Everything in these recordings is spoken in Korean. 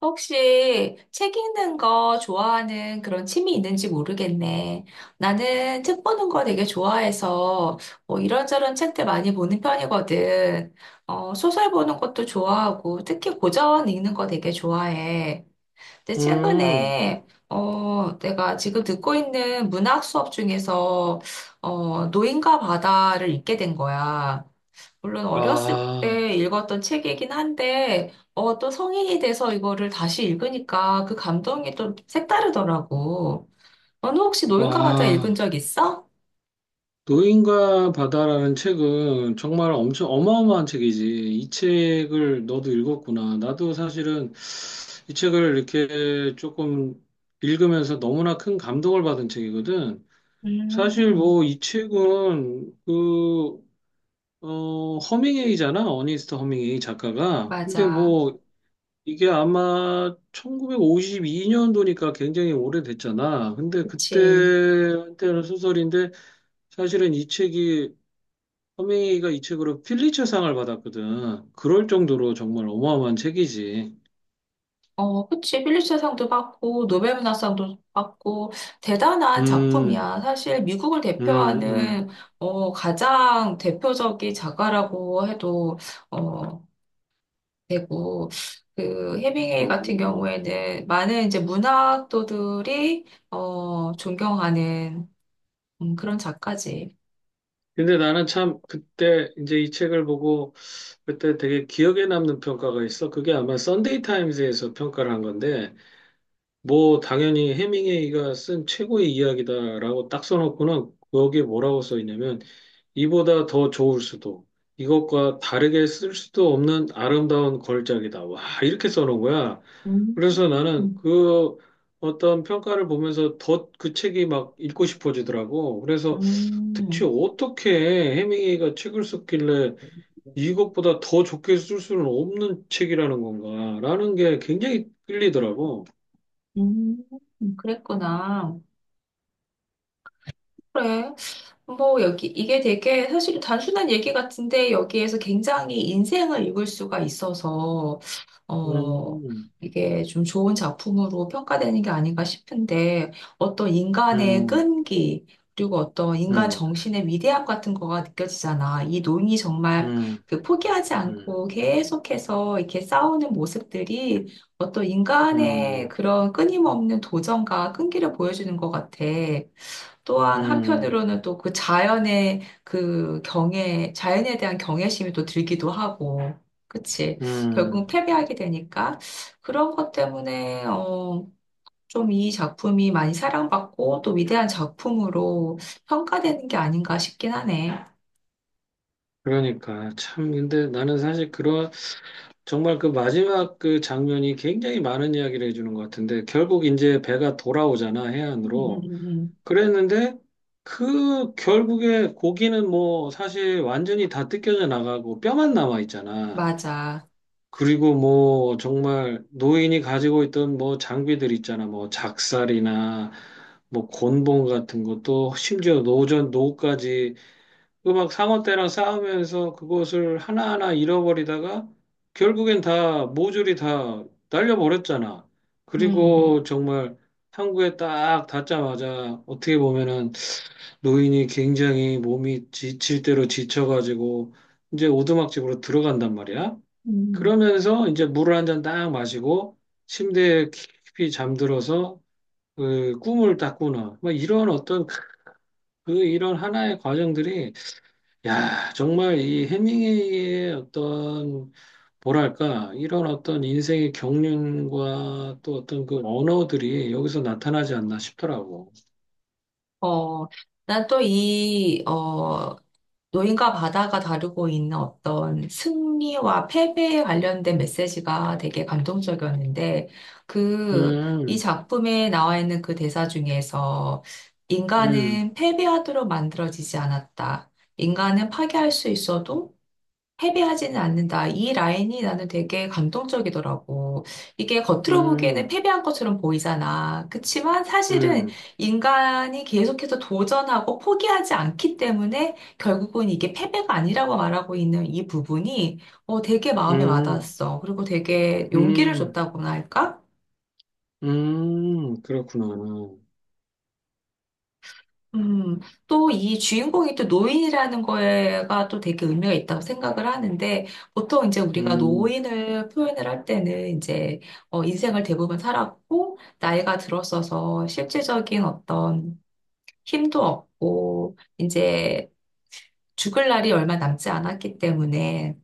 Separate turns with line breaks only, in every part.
혹시 책 읽는 거 좋아하는 그런 취미 있는지 모르겠네. 나는 책 보는 거 되게 좋아해서 뭐 이런저런 책들 많이 보는 편이거든. 소설 보는 것도 좋아하고 특히 고전 읽는 거 되게 좋아해. 근데
음.
최근에 내가 지금 듣고 있는 문학 수업 중에서 노인과 바다를 읽게 된 거야. 물론 어렸을
와.
때 읽었던 책이긴 한데, 또 성인이 돼서 이거를 다시 읽으니까 그 감동이 또 색다르더라고. 너는 혹시 노인과 바다 읽은
와.
적 있어?
노인과 바다라는 책은 정말 엄청 어마어마한 책이지. 이 책을 너도 읽었구나. 나도 사실은 이 책을 이렇게 조금 읽으면서 너무나 큰 감동을 받은 책이거든. 사실
음,
뭐 이 책은 허밍웨이잖아. 어니스트 허밍웨이 작가가. 근데
맞아.
뭐 이게 아마 1952년도니까 굉장히 오래됐잖아. 근데 그때
그치.
한때는 소설인데 사실은 이 책이 허밍웨이가 이 책으로 필리처상을 받았거든. 그럴 정도로 정말 어마어마한 책이지.
그치. 필리처상도 받고, 노벨문학상도 받고, 대단한
음.
작품이야. 사실 미국을
음. 음.
대표하는, 가장 대표적인 작가라고 해도, 어, 되고 그 헤밍웨이 같은
어.
경우에는 많은 이제 문학도들이 존경하는 그런 작가지.
근데 나는 참 그때 이제 이 책을 보고 그때 되게 기억에 남는 평가가 있어. 그게 아마 썬데이 타임즈에서 평가를 한 건데 뭐 당연히 해밍웨이가 쓴 최고의 이야기다라고 딱 써놓고는 거기에 뭐라고 써 있냐면 이보다 더 좋을 수도 이것과 다르게 쓸 수도 없는 아름다운 걸작이다. 와 이렇게 써놓은 거야.
음,
그래서 나는 그 어떤 평가를 보면서 더 그 책이 막 읽고 싶어지더라고. 그래서 대체
음,
어떻게 해밍웨이가 책을 썼길래 이것보다 더 좋게 쓸 수는 없는 책이라는 건가라는 게 굉장히 끌리더라고.
음, 그랬구나. 그래. 뭐, 여기, 이게 되게 사실 단순한 얘기 같은데, 여기에서 굉장히 인생을 읽을 수가 있어서, 어,
음.
이게 좀 좋은 작품으로 평가되는 게 아닌가 싶은데, 어떤 인간의
음.
끈기, 그리고 어떤 인간
음.
정신의 위대함 같은 거가 느껴지잖아. 이 논이 정말
음.
그 포기하지
음.
않고 계속해서 이렇게 싸우는 모습들이 어떤 인간의
음.
그런 끊임없는 도전과 끈기를 보여주는 것 같아. 또한
음.
한편으로는 또 그 자연의 그 경애, 자연에 대한 경외심이 또 들기도 하고, 그치? 결국은
음.
패배하게 되니까 그런 것 때문에, 좀 이 작품이 많이 사랑받고 또 위대한 작품으로 평가되는 게 아닌가 싶긴 하네.
그러니까 참 근데 나는 사실 그런 정말 그 마지막 그 장면이 굉장히 많은 이야기를 해주는 것 같은데 결국 이제 배가 돌아오잖아
음, 음,
해안으로
음, 음.
그랬는데 그 결국에 고기는 뭐 사실 완전히 다 뜯겨져 나가고 뼈만 남아 있잖아.
맞아.
그리고 뭐 정말 노인이 가지고 있던 뭐 장비들 있잖아. 뭐 작살이나 뭐 곤봉 같은 것도 심지어 노전 노까지 음악 상어떼랑 싸우면서 그것을 하나하나 잃어버리다가 결국엔 다 모조리 다 날려버렸잖아.
음.
그리고 정말 항구에 딱 닿자마자 어떻게 보면은 노인이 굉장히 몸이 지칠 대로 지쳐가지고 이제 오두막집으로 들어간단 말이야.
음.
그러면서 이제 물을 한 잔 딱 마시고 침대에 깊이 잠들어서 그 꿈을 딱 꾸는 뭐 이런 어떤 그 이런 하나의 과정들이 야 정말 이 해밍웨이의 어떤 뭐랄까 이런 어떤 인생의 경륜과 또 어떤 그 언어들이 여기서 나타나지 않나 싶더라고.
어, 난 또 노인과 바다가 다루고 있는 어떤 승리와 패배에 관련된 메시지가 되게 감동적이었는데, 그, 이
음.
작품에 나와 있는 그 대사 중에서,
음.
인간은 패배하도록 만들어지지 않았다. 인간은 파괴할 수 있어도 패배하지는 않는다. 이 라인이 나는 되게 감동적이더라고. 이게 겉으로 보기에는
음.
패배한 것처럼 보이잖아. 그치만 사실은
음.
인간이 계속해서 도전하고 포기하지 않기 때문에 결국은 이게 패배가 아니라고 말하고 있는 이 부분이 되게 마음에
음.
와닿았어. 그리고 되게 용기를
음.
줬다고나 할까?
음. 그렇구나.
음, 또 이 주인공이 또 노인이라는 거에가 또 되게 의미가 있다고 생각을 하는데, 보통 이제 우리가
음.
노인을 표현을 할 때는 이제, 인생을 대부분 살았고, 나이가 들었어서 실질적인 어떤 힘도 없고, 이제 죽을 날이 얼마 남지 않았기 때문에,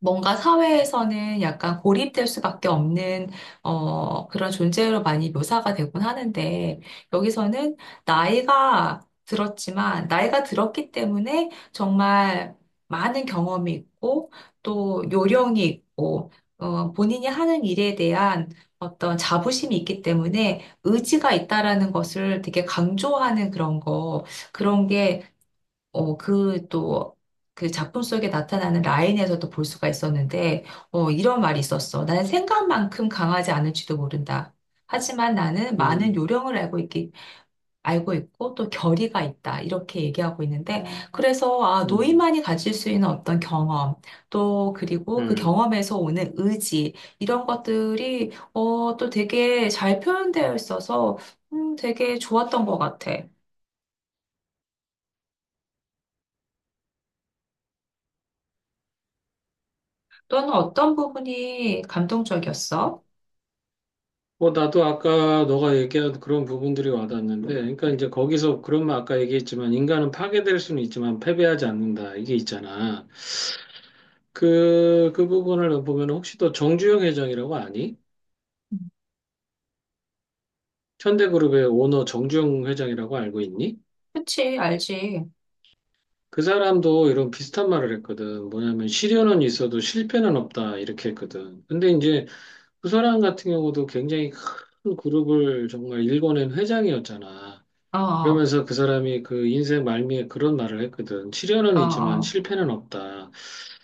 뭔가 사회에서는 약간 고립될 수밖에 없는 그런 존재로 많이 묘사가 되곤 하는데 여기서는 나이가 들었지만 나이가 들었기 때문에 정말 많은 경험이 있고 또 요령이 있고 본인이 하는 일에 대한 어떤 자부심이 있기 때문에 의지가 있다라는 것을 되게 강조하는 그런 게 어, 그 또, 그 작품 속에 나타나는 라인에서도 볼 수가 있었는데, 이런 말이 있었어. 나는 생각만큼 강하지 않을지도 모른다. 하지만 나는 많은
음.
요령을 알고 있고 또 결의가 있다. 이렇게 얘기하고 있는데, 그래서, 아,
음.
노인만이 가질 수 있는 어떤 경험, 또, 그리고 그
음.
경험에서 오는 의지, 이런 것들이, 또 되게 잘 표현되어 있어서, 되게 좋았던 것 같아. 너는 어떤 부분이 감동적이었어?
뭐 나도 아까 너가 얘기한 그런 부분들이 와닿는데, 그러니까 이제 거기서 그런 말 아까 얘기했지만 인간은 파괴될 수는 있지만 패배하지 않는다 이게 있잖아. 그 부분을 보면 혹시 또 정주영 회장이라고 아니? 현대그룹의 오너 정주영 회장이라고 알고 있니?
그치, 알지.
그 사람도 이런 비슷한 말을 했거든. 뭐냐면 시련은 있어도 실패는 없다 이렇게 했거든. 근데 이제 그 사람 같은 경우도 굉장히 큰 그룹을 정말 일궈낸 회장이었잖아.
어, 어,
그러면서 그 사람이 그 인생 말미에 그런 말을 했거든. 시련은
어.
있지만
어.
실패는 없다.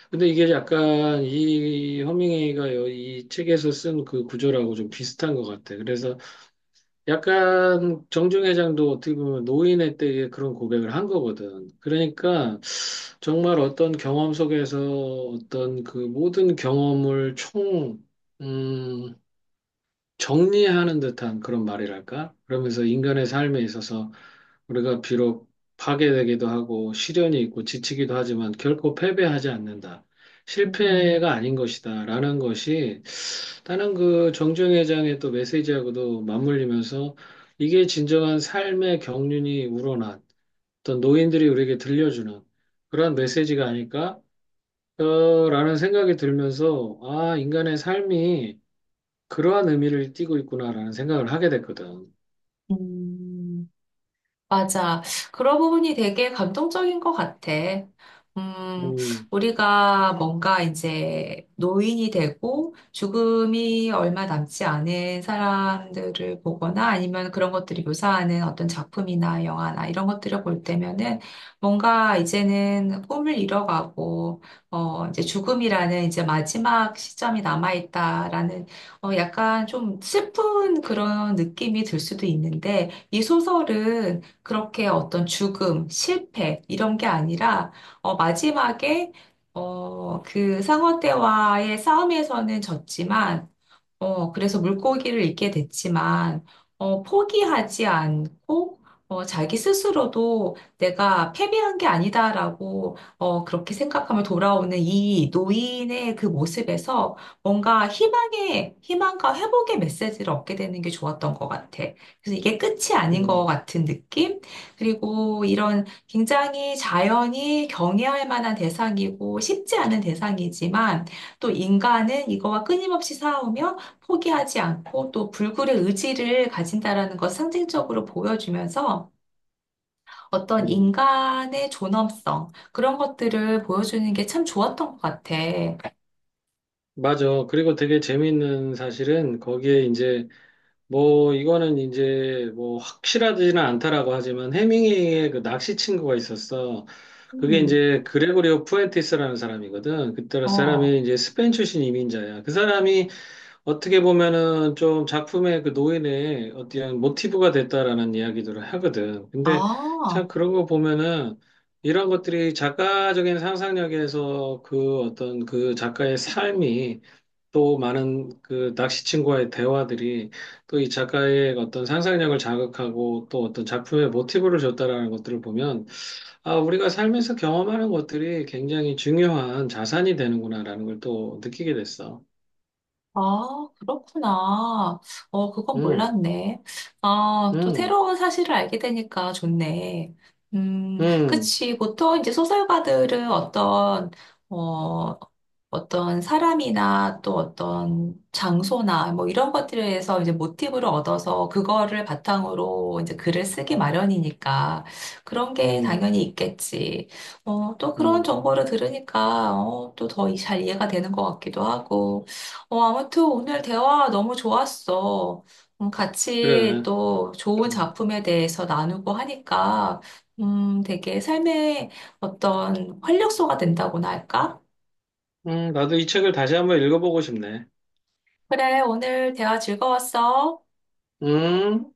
근데 이게 약간 이 허밍웨이가 이 책에서 쓴 그 구조라고 좀 비슷한 것 같아. 그래서 약간 정중 회장도 어떻게 보면 노인의 때에 그런 고백을 한 거거든. 그러니까 정말 어떤 경험 속에서 어떤 그 모든 경험을 총, 음, 정리하는 듯한 그런 말이랄까? 그러면서 인간의 삶에 있어서 우리가 비록 파괴되기도 하고 시련이 있고 지치기도 하지만 결코 패배하지 않는다.
음,
실패가 아닌 것이다. 라는 것이 다른 그 정주영 회장의 또 메시지하고도 맞물리면서 이게 진정한 삶의 경륜이 우러난 어떤 노인들이 우리에게 들려주는 그런 메시지가 아닐까? 라는 생각이 들면서 아, 인간의 삶이 그러한 의미를 띠고 있구나라는 생각을 하게 됐거든.
음. 맞아. 그런 부분이 되게 감동적인 것 같아. 음,
음.
우리가 뭔가 이제 노인이 되고 죽음이 얼마 남지 않은 사람들을 보거나 아니면 그런 것들이 묘사하는 어떤 작품이나 영화나 이런 것들을 볼 때면은 뭔가 이제는 꿈을 잃어가고, 이제 죽음이라는 이제 마지막 시점이 남아있다라는 약간 좀 슬픈 그런 느낌이 들 수도 있는데 이 소설은 그렇게 어떤 죽음, 실패, 이런 게 아니라, 마지막에, 그 상어 떼와의 싸움에서는 졌지만, 그래서 물고기를 잊게 됐지만, 포기하지 않고, 자기 스스로도 내가 패배한 게 아니다라고, 그렇게 생각하며 돌아오는 이 노인의 그 모습에서 뭔가 희망과 회복의 메시지를 얻게 되는 게 좋았던 것 같아. 그래서 이게 끝이 아닌 것
음.
같은 느낌? 그리고 이런 굉장히 자연이 경외할 만한 대상이고 쉽지 않은 대상이지만 또 인간은 이거와 끊임없이 싸우며 포기하지 않고 또 불굴의 의지를 가진다라는 것 상징적으로 보여주면서 어떤
음.
인간의 존엄성 그런 것들을 보여주는 게 참 좋았던 것 같아.
맞아. 그리고 되게 재미있는 사실은 거기에 이제 뭐 이거는 이제 뭐 확실하지는 않다라고 하지만 해밍웨이의 그 낚시 친구가 있었어. 그게
음.
이제 그레고리오 푸엔티스라는 사람이거든. 그때
어.
사람이 이제 스페인 출신 이민자야. 그 사람이 어떻게 보면은 좀 작품의 그 노인의 어떤 모티브가 됐다라는 이야기들을 하거든. 근데
아,
참 그런 거 보면은 이런 것들이 작가적인 상상력에서 그 어떤 그 작가의 삶이 또 많은 그 낚시친구와의 대화들이 또 이 작가의 어떤 상상력을 자극하고 또 어떤 작품의 모티브를 줬다라는 것들을 보면 아, 우리가 삶에서 경험하는 것들이 굉장히 중요한 자산이 되는구나라는 걸 또 느끼게 됐어.
아, 그렇구나. 그건
음.
몰랐네. 아, 또
음.
새로운 사실을 알게 되니까 좋네.
음.
그치. 보통 이제 소설가들은 어, 어떤 사람이나 또 어떤 장소나 뭐 이런 것들에서 이제 모티브를 얻어서 그거를 바탕으로 이제 글을 쓰기 마련이니까 그런 게
음.
당연히 있겠지. 또 그런
음.
정보를 들으니까 또 더 잘 이해가 되는 것 같기도 하고. 아무튼 오늘 대화 너무 좋았어. 같이
그래.
또 좋은
음.
작품에 대해서 나누고 하니까 되게 삶의 어떤 활력소가 된다고나 할까?
음. 나도 이 책을 다시 한번 읽어보고 싶네.
그래, 오늘 대화 즐거웠어.
음.